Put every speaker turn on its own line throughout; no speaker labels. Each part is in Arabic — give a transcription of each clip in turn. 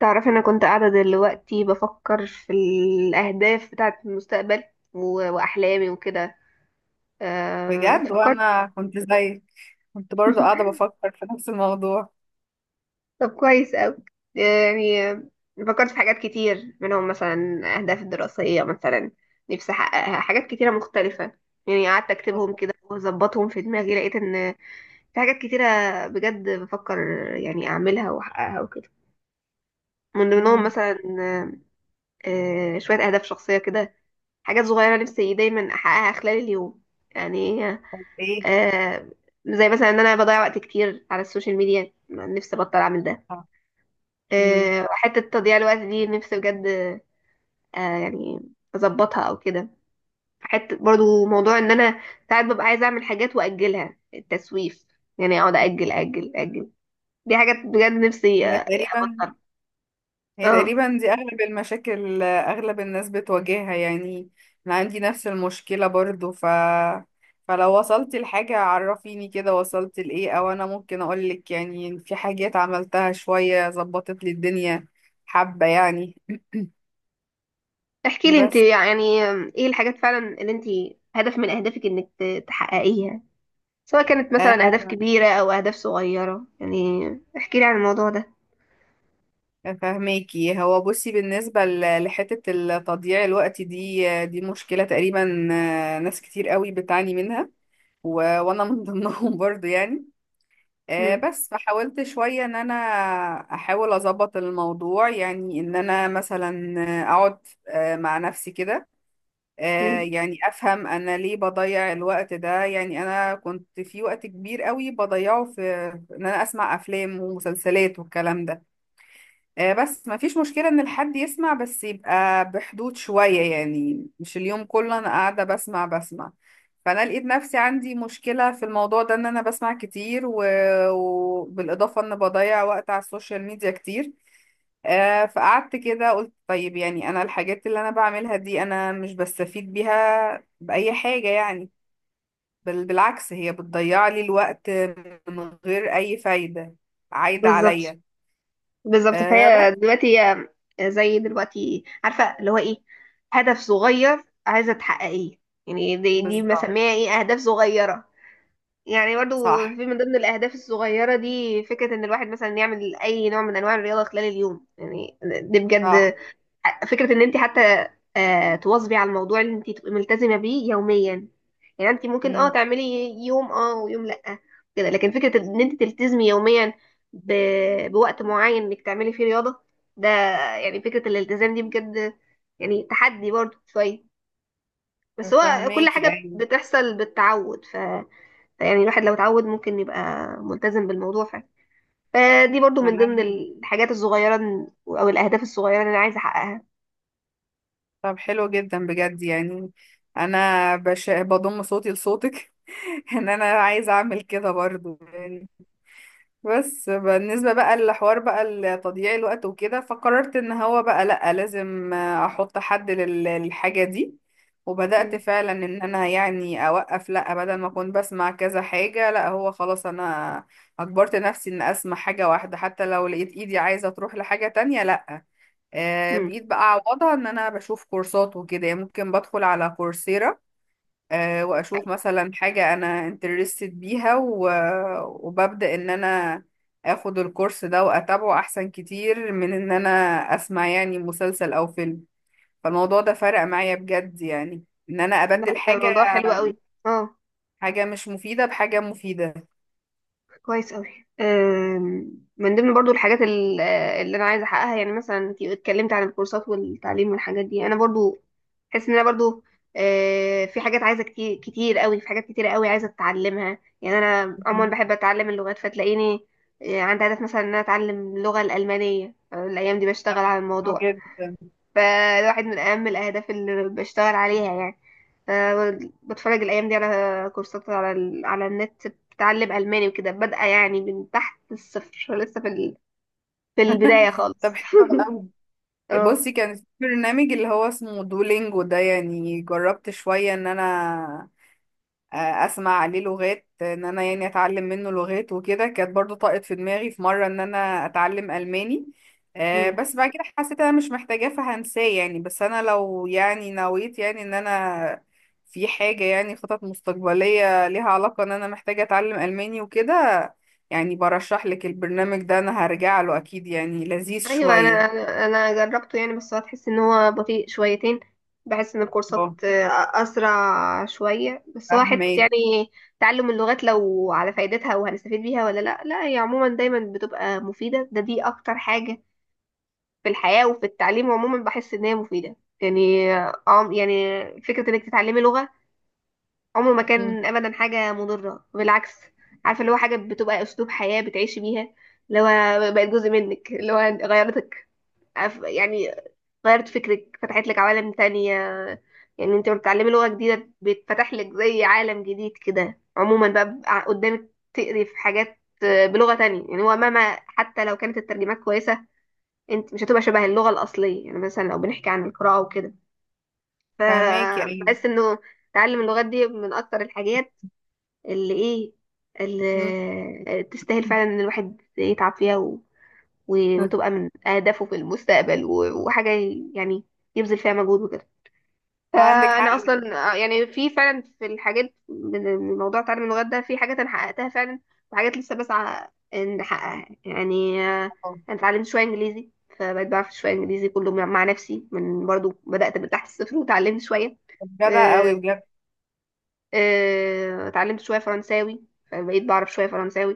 تعرفي، انا كنت قاعده دلوقتي بفكر في الاهداف بتاعه المستقبل واحلامي وكده.
بجد
فكرت.
وانا كنت زيك، كنت برضو قاعدة بفكر في نفس الموضوع.
طب كويس قوي. يعني، فكرت في حاجات كتير منهم مثلا اهداف الدراسيه مثلا، نفسي احققها. حاجات كتيره مختلفه، يعني قعدت اكتبهم كده واظبطهم في دماغي. لقيت ان في حاجات كتيره بجد بفكر يعني اعملها واحققها وكده. من ضمنهم
امم.
مثلا شويه اهداف شخصيه كده. حاجات صغيرة نفسي دايما أحققها خلال اليوم، يعني
طب ايه؟
آه زي مثلا إن أنا بضيع وقت كتير على السوشيال ميديا، نفسي أبطل أعمل ده.
اه. امم.
حتة تضييع الوقت دي نفسي بجد يعني أظبطها أو كده. حتة برضو موضوع إن أنا ساعات ببقى عايزة أعمل حاجات وأجلها، التسويف، يعني أقعد أجل أجل أجل. دي حاجات بجد نفسي
هي تقريبا
أبطلها.
هي
اه،
تقريبا دي اغلب المشاكل، اغلب الناس بتواجهها يعني. انا عندي نفس المشكلة برضو، فلو وصلت لحاجة عرفيني كده وصلت لإيه، أو أنا ممكن أقولك يعني في حاجات عملتها شوية ظبطت لي الدنيا حبة يعني.
احكي لي انت
بس
يعني ايه الحاجات فعلا اللي انت، هدف من اهدافك انك تحققيها، سواء كانت مثلا
آه
أهداف كبيرة أو أهداف صغيرة يعني. احكي لي عن الموضوع ده.
فهماكي، هو بصي بالنسبة لحتة التضييع الوقت دي، دي مشكلة تقريبا، ناس كتير قوي بتعاني منها، و... وانا من ضمنهم برضو يعني.
مم.
بس فحاولت شوية ان انا احاول اظبط الموضوع، يعني ان انا مثلا اقعد مع نفسي كده،
مم.
يعني افهم انا ليه بضيع الوقت ده. يعني انا كنت في وقت كبير قوي بضيعه في ان انا اسمع افلام ومسلسلات والكلام ده. بس ما فيش مشكلة ان الحد يسمع، بس يبقى بحدود شوية، يعني مش اليوم كله انا قاعدة بسمع بسمع. فانا لقيت نفسي عندي مشكلة في الموضوع ده، ان انا بسمع كتير وبالاضافة ان بضيع وقت على السوشيال ميديا كتير. فقعدت كده قلت طيب، يعني انا الحاجات اللي انا بعملها دي انا مش بستفيد بيها بأي حاجة يعني، بل بالعكس هي بتضيع لي الوقت من غير اي فايدة عايدة
بالظبط،
عليا.
بالظبط،
آه،
فهي
بس.
دلوقتي هي، زي دلوقتي عارفة اللي هو إيه، هدف صغير عايزة تحققيه. يعني دي
بالظبط.
مسميها إيه، أهداف صغيرة. يعني برضو
صح،
في من ضمن الأهداف الصغيرة دي فكرة إن الواحد مثلا يعمل أي نوع من أنواع الرياضة خلال اليوم، يعني دي بجد
صح.
فكرة. ان انت حتى تواظبي على الموضوع اللي انت تبقي ملتزمة بيه يوميا. يعني انت ممكن
امم.
تعملي يوم ويوم لأ كده، لكن فكرة ان انت تلتزمي يوميا ب... بوقت معين انك تعملي فيه رياضة ده. يعني فكرة الالتزام دي بجد، يعني تحدي برضو شوية، بس هو كل
فهماكي.
حاجة
ايوه.
بتحصل بالتعود. فيعني الواحد لو اتعود ممكن يبقى ملتزم بالموضوع فعلا. فدي برضو من ضمن
معاك.
الحاجات الصغيرة او الاهداف الصغيرة اللي انا عايزة احققها.
طب حلو جدا بجد يعني. انا بضم صوتي لصوتك ان انا عايزه اعمل كده برضو يعني. بس بالنسبه بقى للحوار، بقى لتضييع الوقت وكده، فقررت ان هو بقى لا، لازم احط حد للحاجه دي. وبدات
م.
فعلا ان انا يعني اوقف، لا بدل ما اكون بسمع كذا حاجه، لا هو خلاص انا اجبرت نفسي ان اسمع حاجه واحده، حتى لو لقيت ايدي عايزه تروح لحاجه تانية لا.
م.
بقيت بقى اعوضها ان انا بشوف كورسات وكده، يعني ممكن بدخل على كورسيرا. واشوف مثلا حاجة انا انترستد بيها، وببدأ ان انا اخد الكورس ده واتابعه، احسن كتير من ان انا اسمع يعني مسلسل او فيلم. فالموضوع ده فرق معايا بجد يعني، ان انا
لا،
ابدل
ده
حاجة
موضوع حلو قوي. اه،
حاجة مش مفيدة بحاجة مفيدة.
كويس قوي. أم، من ضمن برضو الحاجات اللي انا عايزه احققها، يعني مثلا انت اتكلمت عن الكورسات والتعليم والحاجات دي. انا برضو حاسس ان انا برضو في حاجات عايزه كتير كتير قوي، في حاجات كتير قوي عايزه اتعلمها. يعني انا عموما
مهم.
بحب اتعلم اللغات، فتلاقيني عندي هدف مثلا ان انا اتعلم اللغه الالمانيه. الايام دي بشتغل
طب
على
حلو
الموضوع،
جدا.
فالواحد من أهم الأهداف اللي بشتغل عليها يعني. بتفرج الأيام دي على كورسات على على النت، بتعلم ألماني وكده، بادئة يعني من تحت الصفر، لسه في في البداية
طب
خالص
حلو.
اه.
بصي كان في برنامج اللي هو اسمه دولينجو ده، يعني جربت شوية ان انا اسمع عليه لغات، ان انا يعني اتعلم منه لغات وكده. كانت برضو طاقت في دماغي في مرة ان انا اتعلم الماني.
مم.
بس بعد كده حسيت انا مش محتاجاه فهنساه يعني. بس انا لو يعني نويت يعني ان انا في حاجة يعني خطط مستقبلية ليها علاقة ان انا محتاجة اتعلم الماني وكده، يعني برشح لك البرنامج ده. انا هرجع له اكيد يعني، لذيذ
ايوه، انا
شوية.
انا أنا جربته يعني، بس هتحس ان هو بطيء شويتين. بحس ان الكورسات
اه.
اسرع شويه، بس هو حته
فاهمك.
يعني تعلم اللغات، لو على فايدتها وهنستفيد بيها ولا لا. لا، هي عموما دايما بتبقى مفيده، ده دي اكتر حاجه في الحياة وفي التعليم. عموما بحس ان هي مفيدة يعني يعني فكرة انك تتعلمي لغة، عمره ما
مم.
كان ابدا حاجة مضرة، بالعكس. عارفة اللي هو حاجة بتبقى اسلوب حياة بتعيشي بيها، اللي هو بقت جزء منك، اللي هو غيرتك، يعني غيرت فكرك، فتحت لك عوالم تانية. يعني انت لما بتتعلمي لغة جديدة بيتفتح لك زي عالم جديد كده. عموما بقى قدامك تقري في حاجات بلغة تانية، يعني هو مهما حتى لو كانت الترجمات كويسة، انت مش هتبقى شبه اللغة الأصلية. يعني مثلا لو بنحكي عن القراءة وكده،
فهماكي. ايوه.
فبحس انه تعلم اللغات دي من أكتر الحاجات، اللي ايه،
مم.
اللي تستاهل فعلا ان الواحد يتعب فيها وتبقى من أهدافه في المستقبل وحاجة يعني يبذل فيها مجهود وكده.
عندك حق.
فانا اصلا يعني في فعلا في الحاجات من موضوع تعلم اللغات ده، في حاجات انا حققتها فعلا وحاجات لسه بسعى ان احققها يعني.
اه.
انا اتعلمت شويه انجليزي، فبقيت بعرف شويه انجليزي كله مع نفسي، من برضو بدات من تحت الصفر وتعلمت شويه.
جدع
آه،
قوي بجد.
اتعلمت شويه فرنساوي، فبقيت بعرف شويه فرنساوي.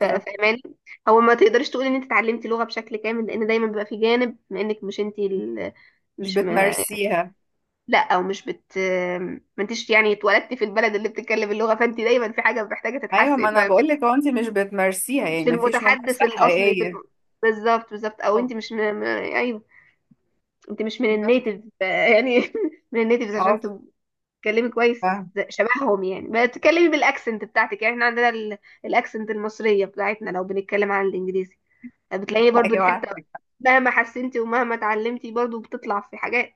فاهماني، هو ما تقدرش تقول ان انت اتعلمتي لغه بشكل كامل، لان دايما بيبقى في جانب بما انك مش انت ال...
مش
مش م...
بتمارسيها.
لا، او مش بت، ما انتش يعني اتولدتي في البلد اللي بتتكلم اللغه. فانت دايما في حاجه محتاجه
ايوه،
تتحسن،
ما انا
فاهماني.
بقول لك هو انت مش بتمارسيها، يعني
مش
ما فيش ممارسه
المتحدث الاصلي في
حقيقيه.
بالظبط، بالظبط. او
اه.
انت مش ايوه، انت مش من
بس.
النيتيف يعني من النيتيفز، عشان
اه.
تتكلمي كويس
فاهمة.
شبههم. يعني بتتكلمي بالاكسنت بتاعتك، يعني احنا عندنا الاكسنت المصريه بتاعتنا، لو بنتكلم عن الانجليزي بتلاقيه برضو
ايوه
الحته.
عندك حق.
مهما حسنتي ومهما اتعلمتي برضو بتطلع في حاجات،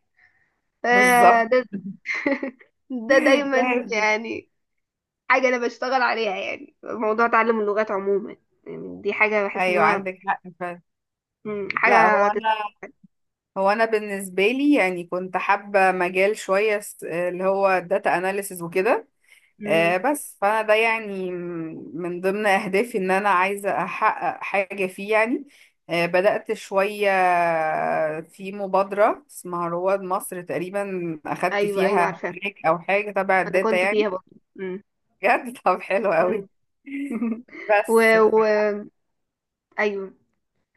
بالظبط.
فده ده دايما
لازم.
يعني حاجة أنا بشتغل عليها، يعني موضوع تعلم اللغات عموما. يعني دي حاجة بحس إن
ايوه
هو
عندك حق فعلا. لا، هو
حاجة
انا هو انا بالنسبه لي يعني كنت حابه مجال شويه اللي هو الداتا اناليسز وكده.
مم.
بس فانا ده يعني من ضمن اهدافي ان انا عايزه احقق حاجه فيه يعني. بدات شويه في مبادره اسمها رواد مصر تقريبا، اخدت
أيوه، أيوه،
فيها
عارفة،
تراك او حاجه تبع
أنا
الداتا
كنت
يعني.
فيها برضه. مم.
بجد. طب حلو
مم.
قوي.
و...
بس
و... أيوه،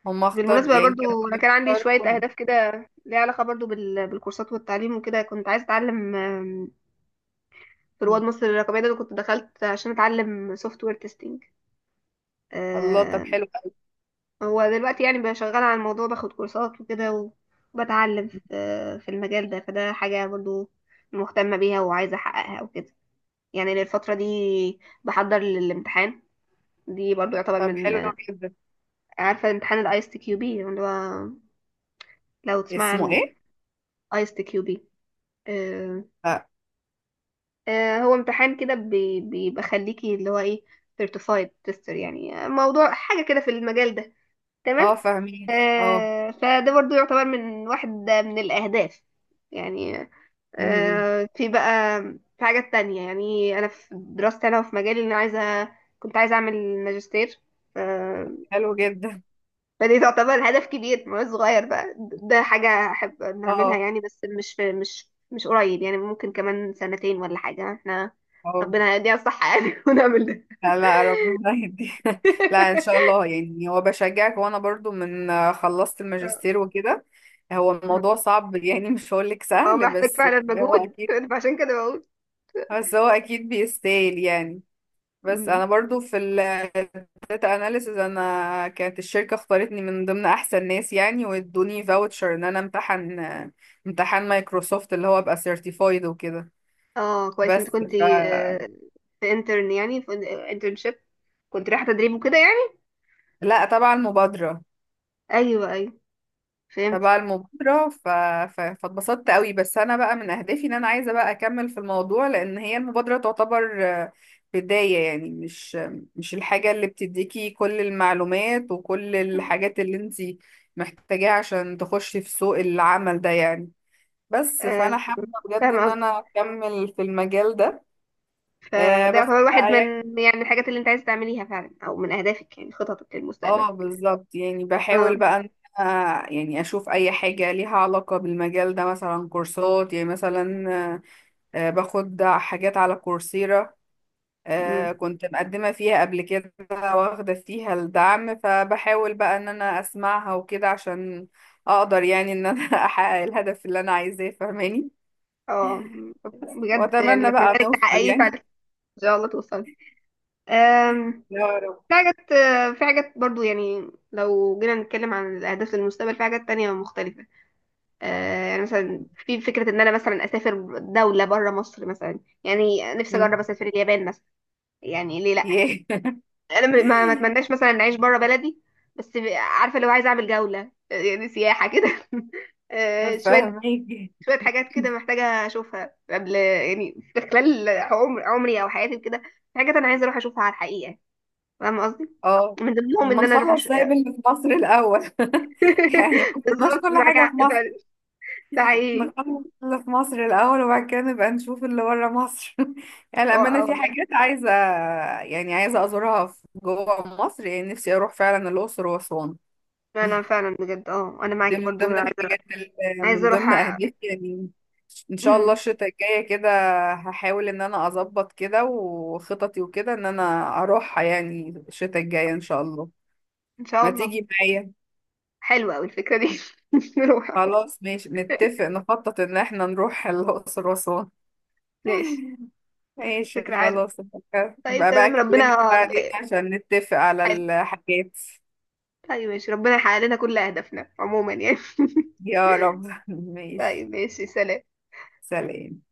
هم اختار،
بالمناسبة
يعني كانوا
برضو أنا كان عندي
بيختاروا.
شوية أهداف كده، ليها علاقة برضو بالكورسات والتعليم وكده. كنت عايزة أتعلم في رواد مصر الرقمية ده، أنا كنت دخلت عشان أتعلم سوفت وير تيستنج.
الله، طب حلو قوي.
هو دلوقتي يعني بقى شغال على الموضوع، باخد كورسات وكده وبتعلم في المجال ده. فده حاجة برضو مهتمة بيها وعايزة أحققها وكده، يعني للفترة دي بحضر للامتحان. دي برضو يعتبر
طب
من،
حلو جدا.
عارفة، امتحان الايس تي كيو بي، اللي هو لو تسمع
اسمه
عنه يعني،
ايه؟
ايس تي كيو بي.
اه.
هو امتحان كده بيبقى خليكي، اللي هو ايه، سيرتيفايد تيستر. يعني موضوع حاجة كده في المجال ده، تمام.
فاهمين. اه. فاهميكي. اه.
فده برضو يعتبر من، واحد من الأهداف يعني،
مم،
في بقى في حاجات تانية. يعني أنا في دراستي أنا وفي مجالي، إن أنا عايزة، كنت عايزة أعمل ماجستير. آه،
حلو جدا.
فدي تعتبر هدف كبير مش صغير بقى، ده حاجة أحب نعملها
اه.
يعني، بس مش في مش قريب. يعني ممكن كمان سنتين ولا حاجة، احنا
اه.
ربنا يديها الصحة يعني ونعمل ده.
لا، لا، ربنا يهدي. لا ان شاء الله. يعني هو بشجعك، وانا برضو من خلصت الماجستير وكده. هو الموضوع صعب يعني، مش هقولك
هو
سهل،
محتاج فعلا
هو
مجهود
اكيد
فعشان كده بقول.
بس هو اكيد بيستاهل يعني. بس انا برضو في الداتا اناليسز، انا كانت الشركة اختارتني من ضمن احسن ناس يعني، وادوني فاوتشر ان انا امتحن امتحان مايكروسوفت اللي هو ابقى سيرتيفايد وكده.
اه، كويس،
بس
انت كنت آه، في انترن يعني، في انترنشيب، كنت رايحة تدريب وكده يعني.
لا طبعا مبادرة.
ايوه، ايوه، فهمت.
فبقى المبادرة فاتبسطت قوي. بس أنا بقى من أهدافي إن أنا عايزة بقى أكمل في الموضوع، لأن هي المبادرة تعتبر بداية يعني، مش الحاجة اللي بتديكي كل المعلومات وكل الحاجات اللي انتي محتاجاها عشان تخشي في سوق العمل ده يعني. بس
آه،
فأنا حابة بجد
فاهمة
إن
قصدك.
أنا أكمل في المجال ده. آه،
فده
بس
يعتبر واحد
بقى
من
يعني.
يعني الحاجات اللي انت عايز تعمليها فعلا، او من اهدافك يعني خططك للمستقبل.
اه بالظبط يعني،
اه،
بحاول بقى إن أنا يعني أشوف أي حاجة ليها علاقة بالمجال ده، مثلا كورسات يعني. مثلا باخد حاجات على كورسيرا.
أمم.
كنت مقدمة فيها قبل كده واخدة فيها الدعم، فبحاول بقى ان انا اسمعها وكده عشان اقدر يعني ان انا احقق الهدف اللي انا عايزاه فاهماني.
اه، أمم. بجد يعني
واتمنى
بتمنى
بقى
لك
نوصل
تحققيه فعلا،
يعني.
ان شاء الله توصل. آم،
يا رب.
في حاجات في حاجات برضو، يعني لو جينا نتكلم عن الاهداف للمستقبل في حاجات تانية مختلفة. يعني مثلا في فكرة ان انا مثلا اسافر دولة بره مصر مثلا، يعني نفسي
مم.
اجرب اسافر اليابان مثلا، يعني ليه لا.
ياه.
انا ما اتمناش مثلا ان اعيش بره بلدي، بس عارفة، لو عايزة اعمل جولة يعني سياحة كده شوية
فاهميكي.
شوية حاجات كده محتاجة اشوفها قبل، يعني في خلال عمري او حياتي كده، في حاجات انا عايزة اروح اشوفها على الحقيقة، فاهمة قصدي.
اه،
من ضمنهم
ما
ان انا اروح
نخلص زي اللي في مصر الاول يعني، ما كناش
بالظبط،
كل
معاك
حاجة في
حق
مصر،
فعلا. ده حقيقي.
نخلص اللي في مصر الأول وبعد كده نبقى نشوف اللي بره مصر. يعني للأمانة في
والله،
حاجات عايزة، يعني عايزة أزورها في جوه مصر، يعني نفسي أروح فعلا الأقصر وأسوان.
فعلا فعلا بجد. اه، انا
دي
معاكي
من
برضو
ضمن
عايزه،
الحاجات اللي، من
اروح
ضمن
أ-
أهدافي يعني. إن شاء الله
امم
الشتاء الجاية كده هحاول إن أنا أظبط كده وخططي وكده إن أنا أروحها، يعني الشتاء الجاية إن شاء الله.
ان شاء
ما
الله.
تيجي معايا؟
حلوه قوي الفكره دي نروح.
خلاص ماشي، نتفق نخطط إن إحنا نروح الأقصر وأسوان.
ماشي،
ماشي
فكره حلوه.
خلاص، يبقى
طيب،
يبقى بقى
تمام،
اكلمك
ربنا،
بعدين عشان نتفق على
حلو.
الحاجات.
طيب ماشي، ربنا يحقق لنا كل اهدافنا عموما يعني.
يا رب. ماشي،
طيب ماشي، سلام.
سلام.